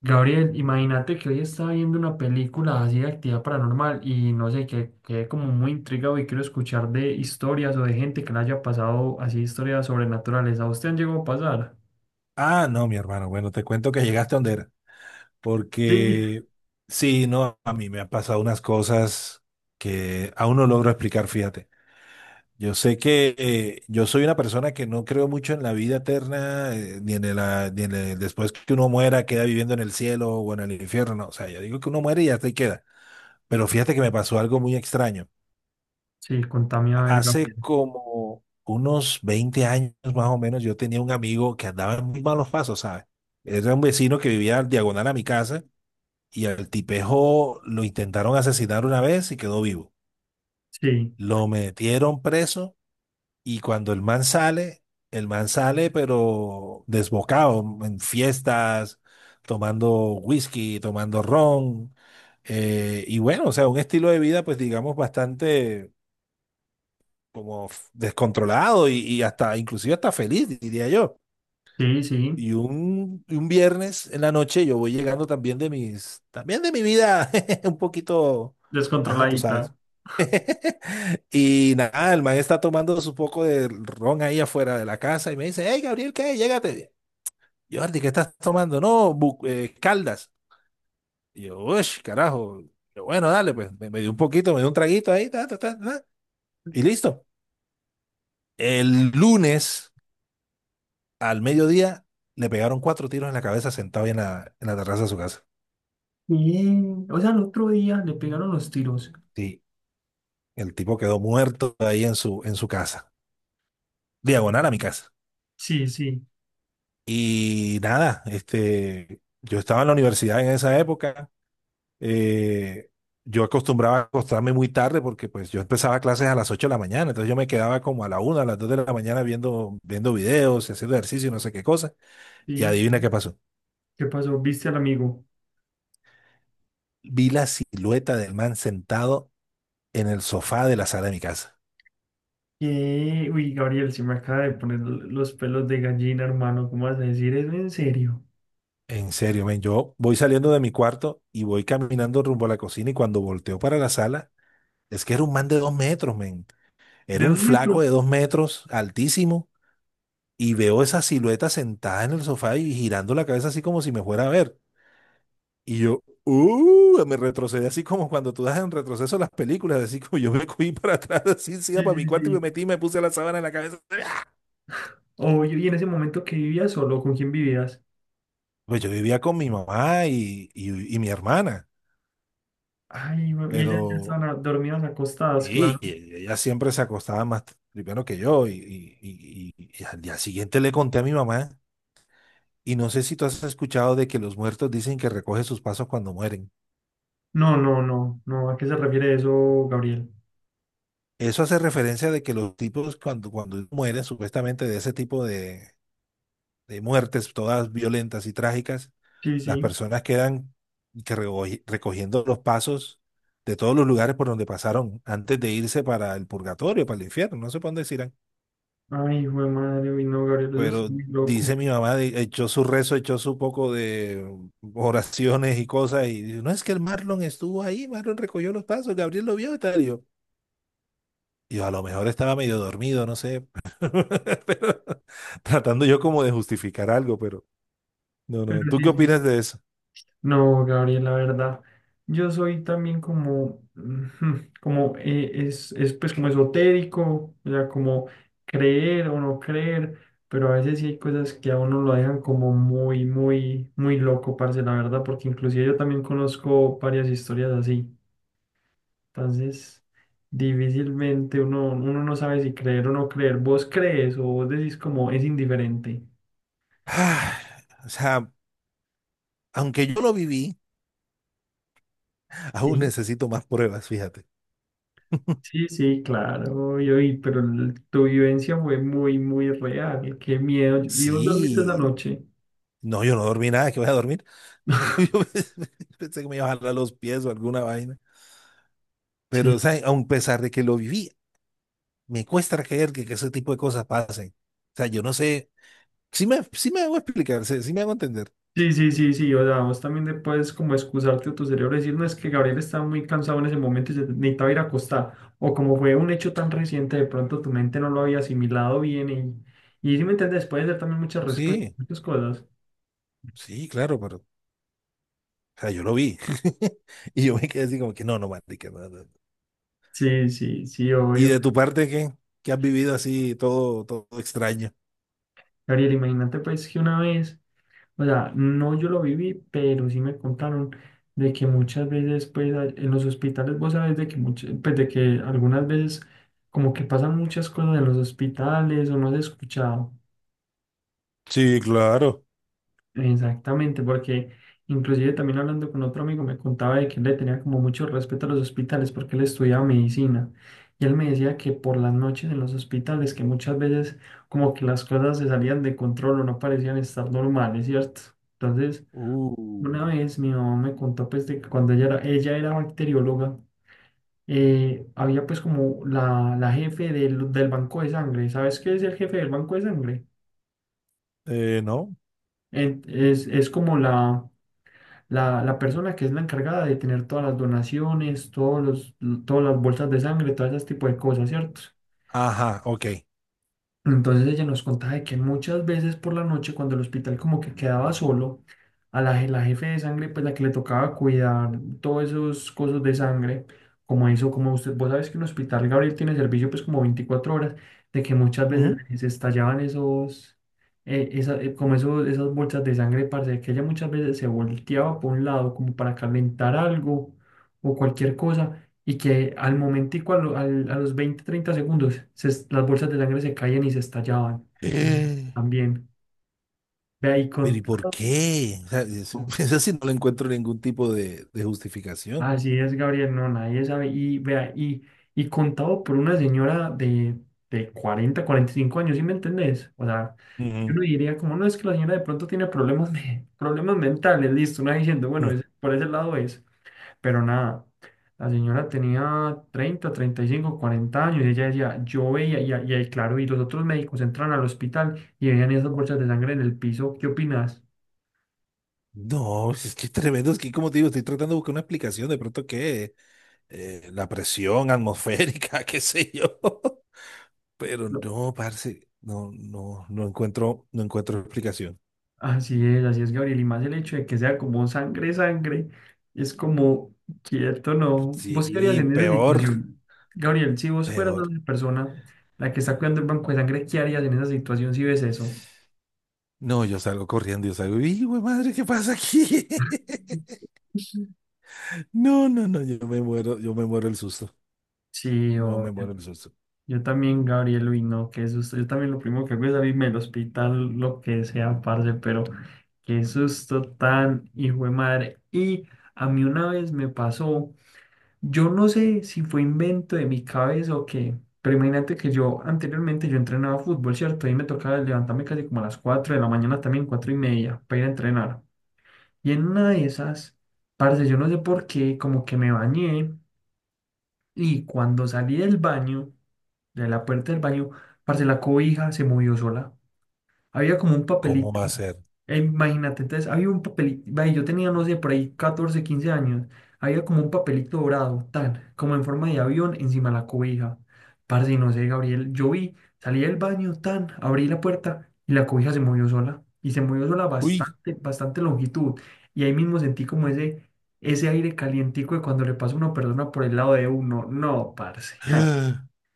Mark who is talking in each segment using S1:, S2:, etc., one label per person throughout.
S1: Gabriel, imagínate que hoy estaba viendo una película así de actividad paranormal y no sé, que quedé como muy intrigado y quiero escuchar de historias o de gente que le haya pasado así historias sobrenaturales. ¿A usted han llegado a pasar?
S2: Ah, no, mi hermano. Bueno, te cuento que llegaste a donde era.
S1: Sí.
S2: Porque sí, no, a mí me han pasado unas cosas que aún no logro explicar, fíjate. Yo sé que yo soy una persona que no creo mucho en la vida eterna, ni en el, ah, ni en el- después que uno muera, queda viviendo en el cielo o en el infierno. No, o sea, yo digo que uno muere y hasta ahí queda. Pero fíjate que me pasó algo muy extraño.
S1: Sí, contame a ver,
S2: Hace
S1: Gabriel.
S2: como unos 20 años más o menos, yo tenía un amigo que andaba en muy malos pasos, ¿sabes? Era un vecino que vivía al diagonal a mi casa y al tipejo lo intentaron asesinar una vez y quedó vivo.
S1: Sí,
S2: Lo metieron preso y cuando el man sale pero desbocado en fiestas, tomando whisky, tomando ron. Y bueno, o sea, un estilo de vida pues digamos bastante como descontrolado y hasta, inclusive hasta feliz, diría yo.
S1: sí, sí,
S2: Y un viernes en la noche yo voy llegando también de mi vida un poquito, ajá, tú
S1: descontroladita.
S2: sabes. Y nada, el man está tomando su poco de ron ahí afuera de la casa y me dice, hey, Gabriel, ¿qué? Llégate. Yo, Jordi, ¿qué estás tomando? No, Caldas. Y yo, uy, carajo. Yo, bueno, dale, pues me dio un poquito, me dio un traguito ahí, ta, ta, ta, ta, y listo. El lunes, al mediodía le pegaron cuatro tiros en la cabeza sentado ahí en la terraza de su casa.
S1: Sí. O sea, el otro día le pegaron los tiros.
S2: Sí, el tipo quedó muerto ahí en su casa, diagonal a mi casa.
S1: Sí, sí,
S2: Y nada, este, yo estaba en la universidad en esa época. eh, yo acostumbraba a acostarme muy tarde porque pues yo empezaba clases a las 8 de la mañana, entonces yo me quedaba como a la 1 a las 2 de la mañana viendo videos y haciendo ejercicio y no sé qué cosa. Y
S1: sí,
S2: adivina
S1: sí.
S2: qué pasó.
S1: ¿Qué pasó? ¿Viste al amigo?
S2: Vi la silueta del man sentado en el sofá de la sala de mi casa.
S1: Uy, Gabriel, se me acaba de poner los pelos de gallina, hermano. ¿Cómo vas a decir eso? ¿En serio?
S2: En serio, men, yo voy saliendo de mi cuarto y voy caminando rumbo a la cocina y cuando volteo para la sala, es que era un man de 2 metros, men. Era
S1: ¿De
S2: un
S1: dos
S2: flaco
S1: metros?
S2: de 2 metros, altísimo, y veo esa silueta sentada en el sofá y girando la cabeza así como si me fuera a ver. Y yo, me retrocedí así como cuando tú das en retroceso las películas, así como yo me cogí para atrás, así, sí,
S1: Sí,
S2: para mi
S1: sí,
S2: cuarto y me
S1: sí.
S2: metí y me puse la sábana en la cabeza.
S1: Obvio, y en ese momento que vivías solo, ¿con quién vivías?
S2: Pues yo vivía con mi mamá y mi hermana,
S1: Ay, y ellas ya
S2: pero...
S1: estaban dormidas acostadas,
S2: Sí,
S1: claro.
S2: y ella siempre se acostaba más primero que yo y al día siguiente le conté a mi mamá y no sé si tú has escuchado de que los muertos dicen que recoge sus pasos cuando mueren.
S1: No, no, no, no. ¿A qué se refiere eso, Gabriel?
S2: Eso hace referencia de que los tipos cuando mueren, supuestamente de ese tipo de muertes todas violentas y trágicas,
S1: Sí,
S2: las
S1: sí.
S2: personas quedan que recogiendo los pasos de todos los lugares por donde pasaron antes de irse para el purgatorio, para el infierno, no sé por dónde se irán.
S1: Ay, hijo de madre, uy, no, Gabriel, eso es
S2: Pero
S1: muy
S2: dice
S1: loco.
S2: mi mamá, echó su rezo, echó su poco de oraciones y cosas, y dice, no es que el Marlon estuvo ahí, Marlon recogió los pasos, Gabriel lo vio y tal. Y yo, a lo mejor estaba medio dormido, no sé, pero tratando yo como de justificar algo, pero no,
S1: Pero
S2: no, ¿tú
S1: sí,
S2: qué
S1: sí.
S2: opinas de eso?
S1: No, Gabriel, la verdad, yo soy también como, ujú, como es pues como esotérico, o sea, como creer o no creer, pero a veces sí hay cosas que a uno lo dejan como muy, muy, muy loco, parce, la verdad, porque inclusive yo también conozco varias historias así, entonces difícilmente uno no sabe si creer o no creer, vos crees o vos decís como es indiferente.
S2: Ah, o sea, aunque yo lo viví, aún necesito más pruebas, fíjate.
S1: Sí, sí, claro, y, oí, pero tu vivencia fue muy, muy real. Qué miedo. ¿Y vos dormiste esa
S2: Sí,
S1: noche?
S2: no, yo no dormí nada, que voy a dormir. Yo pensé que me iba a jalar los pies o alguna vaina. Pero,
S1: Sí,
S2: o sea, aun pesar de que lo viví, me cuesta creer que ese tipo de cosas pasen. O sea, yo no sé, sí me hago explicar, sí, sí me hago entender.
S1: sí, sí, sí, sí. O sea, vos también te puedes como excusarte a tu cerebro y decir, no, es que Gabriel estaba muy cansado en ese momento y se necesitaba ir a acostar. O como fue un hecho tan reciente, de pronto tu mente no lo había asimilado bien y si me entiendes, puede ser también muchas respuestas,
S2: Sí,
S1: muchas cosas.
S2: sí, claro, pero, o sea, yo lo vi. Y yo me quedé así como que no, no, marica, no, no".
S1: Sí, sí, sí,
S2: ¿Y
S1: obvio.
S2: de tu parte qué? ¿Qué has vivido así todo, todo extraño?
S1: Gabriel, imagínate pues que una vez. O sea, no yo lo viví, pero sí me contaron de que muchas veces, pues, en los hospitales, vos sabes de que muchas, pues, de que algunas veces como que pasan muchas cosas en los hospitales o no has escuchado.
S2: Sí, claro.
S1: Exactamente, porque inclusive también hablando con otro amigo me contaba de que él le tenía como mucho respeto a los hospitales porque él estudiaba medicina. Y él me decía que por las noches en los hospitales, que muchas veces como que las cosas se salían de control o no parecían estar normales, ¿cierto? Entonces.
S2: Uh,
S1: Una vez mi mamá me contó pues de que cuando ella era bacterióloga, había pues como la jefe del banco de sangre. ¿Sabes qué es el jefe del banco de sangre?
S2: no.
S1: Es como la persona que es la encargada de tener todas las donaciones, todos los, todas las bolsas de sangre, todo ese tipo de cosas, ¿cierto?
S2: Ajá, ok.
S1: Entonces ella nos contaba de que muchas veces por la noche, cuando el hospital como que quedaba solo, a la jefe de sangre, pues la que le tocaba cuidar todos esos cosas de sangre, como eso, como usted, vos sabes que un hospital, Gabriel, tiene servicio pues como 24 horas, de que muchas veces
S2: Ujú.
S1: se estallaban esos, como esos, esas bolsas de sangre, parce, que ella muchas veces se volteaba por un lado como para calentar algo o cualquier cosa y que al momentico, a los 20 30 segundos, las bolsas de sangre se caían y se estallaban. Y
S2: Eh,
S1: también, vea, y
S2: Pero ¿y por
S1: contado,
S2: qué? O sea, eso sí no le encuentro ningún tipo de justificación.
S1: así es, Gabriel, no, nadie sabe, y vea, y contado por una señora de 40 45 años, ¿sí me entendés? O sea, yo no diría como, no, es que la señora de pronto tiene problemas, de, problemas mentales, listo, una diciendo, bueno,
S2: Mm.
S1: por ese lado es. Pero nada, la señora tenía 30 35 40 años y ella decía, yo veía, y ahí, claro, y los otros médicos entran al hospital y veían esas bolsas de sangre en el piso. ¿Qué opinas?
S2: No, es que es tremendo, es que como te digo, estoy tratando de buscar una explicación, de pronto que la presión atmosférica, qué sé yo, pero
S1: No.
S2: no, parce, no, no, no encuentro explicación.
S1: Así es, Gabriel. Y más el hecho de que sea como sangre, sangre, es como, quieto, ¿no? ¿Vos qué harías
S2: Sí,
S1: en esa
S2: peor,
S1: situación? Gabriel, si vos fueras
S2: peor.
S1: la persona la que está cuidando el banco de sangre, ¿qué harías en esa situación si ves eso?
S2: No, yo salgo corriendo, yo salgo, y güey, madre, ¿qué pasa aquí? No, no, no, yo me muero el susto,
S1: Sí.
S2: no me muero el susto.
S1: Yo también, Gabriel, uy, no, qué susto. Yo también lo primero que hago es abrirme el hospital, lo que sea, parce, pero qué susto tan hijo de madre. Y a mí una vez me pasó, yo no sé si fue invento de mi cabeza o qué, pero imagínate que yo anteriormente yo entrenaba fútbol, ¿cierto? Y me tocaba levantarme casi como a las 4 de la mañana, también 4 y media, para ir a entrenar. Y en una de esas, parce, yo no sé por qué, como que me bañé y cuando salí del baño, de la puerta del baño, parce, la cobija se movió sola. Había como un
S2: ¿Cómo
S1: papelito.
S2: va a ser?
S1: Imagínate, entonces había un papelito. Ve, yo tenía, no sé, por ahí 14 15 años. Había como un papelito dorado, tal, como en forma de avión encima de la cobija. Parce, no sé, Gabriel. Yo vi, salí del baño, tan, abrí la puerta y la cobija se movió sola. Y se movió sola
S2: Uy.
S1: bastante, bastante longitud. Y ahí mismo sentí como ese aire calientico de cuando le pasa a una persona por el lado de uno. No, parce.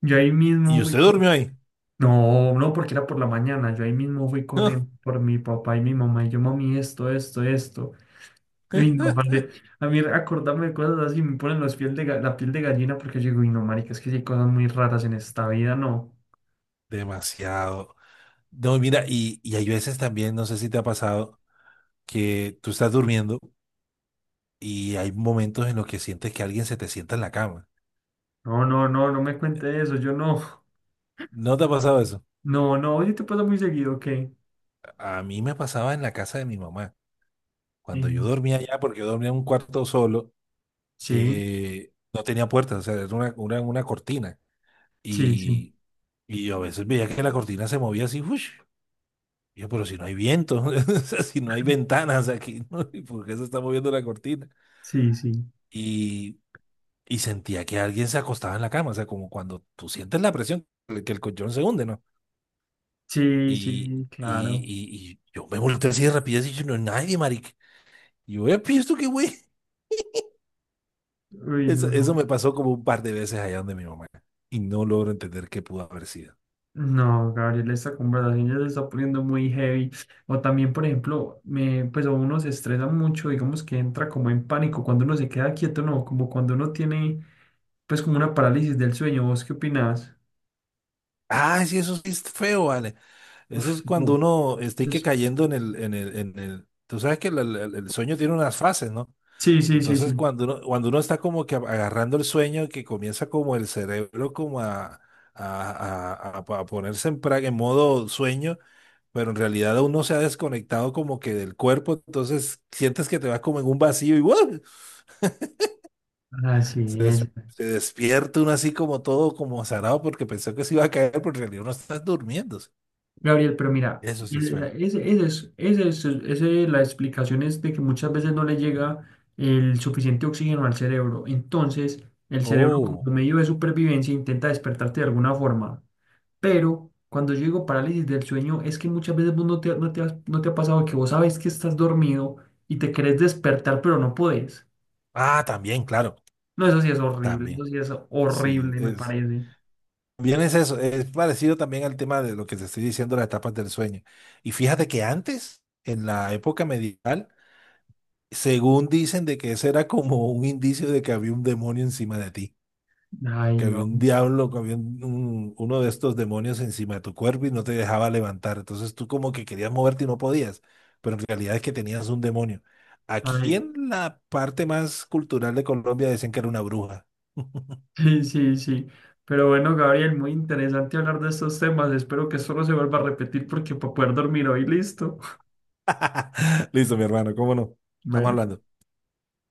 S1: Yo ahí mismo
S2: ¿Y
S1: fui.
S2: usted durmió ahí?
S1: No, no, porque era por la mañana. Yo ahí mismo fui corriendo por mi papá y mi mamá. Y yo, mami, esto, esto, esto. Y no, vale. A mí acordarme de cosas así me ponen los piel de, la piel de gallina porque yo digo, y no, marica, es que sí hay cosas muy raras en esta vida, no.
S2: Demasiado. No, mira, y hay veces también, no sé si te ha pasado, que tú estás durmiendo y hay momentos en los que sientes que alguien se te sienta en la cama.
S1: No, no, no, no me cuente eso. Yo no.
S2: ¿No te ha pasado eso?
S1: No, no, oye, te pasa muy seguido, ¿ok?
S2: A mí me pasaba en la casa de mi mamá. Cuando
S1: Em,
S2: yo dormía allá, porque yo dormía en un cuarto solo,
S1: sí,
S2: no tenía puertas, o sea, era una cortina.
S1: sí, sí,
S2: Y, y yo a veces veía que la cortina se movía así, ¡ush! Y yo, pero si no hay viento, o sea, si no hay ventanas aquí, ¿no? ¿Y ¿por qué se está moviendo la cortina?
S1: sí, sí,
S2: y y sentía que alguien se acostaba en la cama, o sea, como cuando tú sientes la presión, que el colchón se hunde, ¿no?
S1: sí,
S2: Y,
S1: sí,
S2: y,
S1: claro.
S2: y, y yo me volteé así de rapidez y yo, no hay nadie, marica. Y yo, "Epi, ¿esto qué güey?
S1: Uy,
S2: Eso
S1: no.
S2: me pasó como un par de veces allá donde mi mamá, y no logro entender qué pudo haber sido.
S1: No, Gabriel, esta conversación ya se está poniendo muy heavy. O también, por ejemplo, me, pues a uno se estresa mucho, digamos que entra como en pánico cuando uno se queda quieto, no, como cuando uno tiene, pues como una parálisis del sueño. ¿Vos qué opinás?
S2: Ah, sí, eso sí es feo, vale. Eso
S1: Uf,
S2: es cuando
S1: no,
S2: uno está y que
S1: pues,
S2: cayendo en el, tú sabes que el sueño tiene unas fases, ¿no?
S1: sí, sí, sí,
S2: Entonces,
S1: sí.
S2: cuando uno está como que agarrando el sueño, que comienza como el cerebro como a, a ponerse en modo sueño, pero en realidad uno se ha desconectado como que del cuerpo, entonces sientes que te vas como en un vacío y ¡guau! Se,
S1: Así es.
S2: des- se despierta uno así como todo como zarado porque pensó que se iba a caer, pero en realidad uno está durmiendo.
S1: Gabriel, pero mira,
S2: Eso sí es feo.
S1: ese es la explicación es de que muchas veces no le llega el suficiente oxígeno al cerebro. Entonces, el cerebro como
S2: Oh,
S1: medio de supervivencia intenta despertarte de alguna forma. Pero cuando yo digo parálisis del sueño, es que muchas veces vos no te ha pasado que vos sabes que estás dormido y te querés despertar, pero no podés.
S2: ah, también, claro,
S1: No, eso sí es horrible, eso
S2: también.
S1: sí es
S2: Sí,
S1: horrible, me
S2: es.
S1: parece.
S2: Bien, es eso, es parecido también al tema de lo que te estoy diciendo, las etapas del sueño. Y fíjate que antes, en la época medieval, según dicen de que ese era como un indicio de que había un demonio encima de ti,
S1: Ay,
S2: que había
S1: no.
S2: un diablo, que había uno de estos demonios encima de tu cuerpo y no te dejaba levantar. Entonces tú como que querías moverte y no podías, pero en realidad es que tenías un demonio. Aquí
S1: Ay,
S2: en la parte más cultural de Colombia decían que era una bruja.
S1: sí, sí, sí. Pero bueno, Gabriel, muy interesante hablar de estos temas. Espero que solo se vuelva a repetir porque para poder dormir hoy, listo.
S2: Listo, mi hermano, ¿cómo no? Estamos
S1: Bueno.
S2: hablando.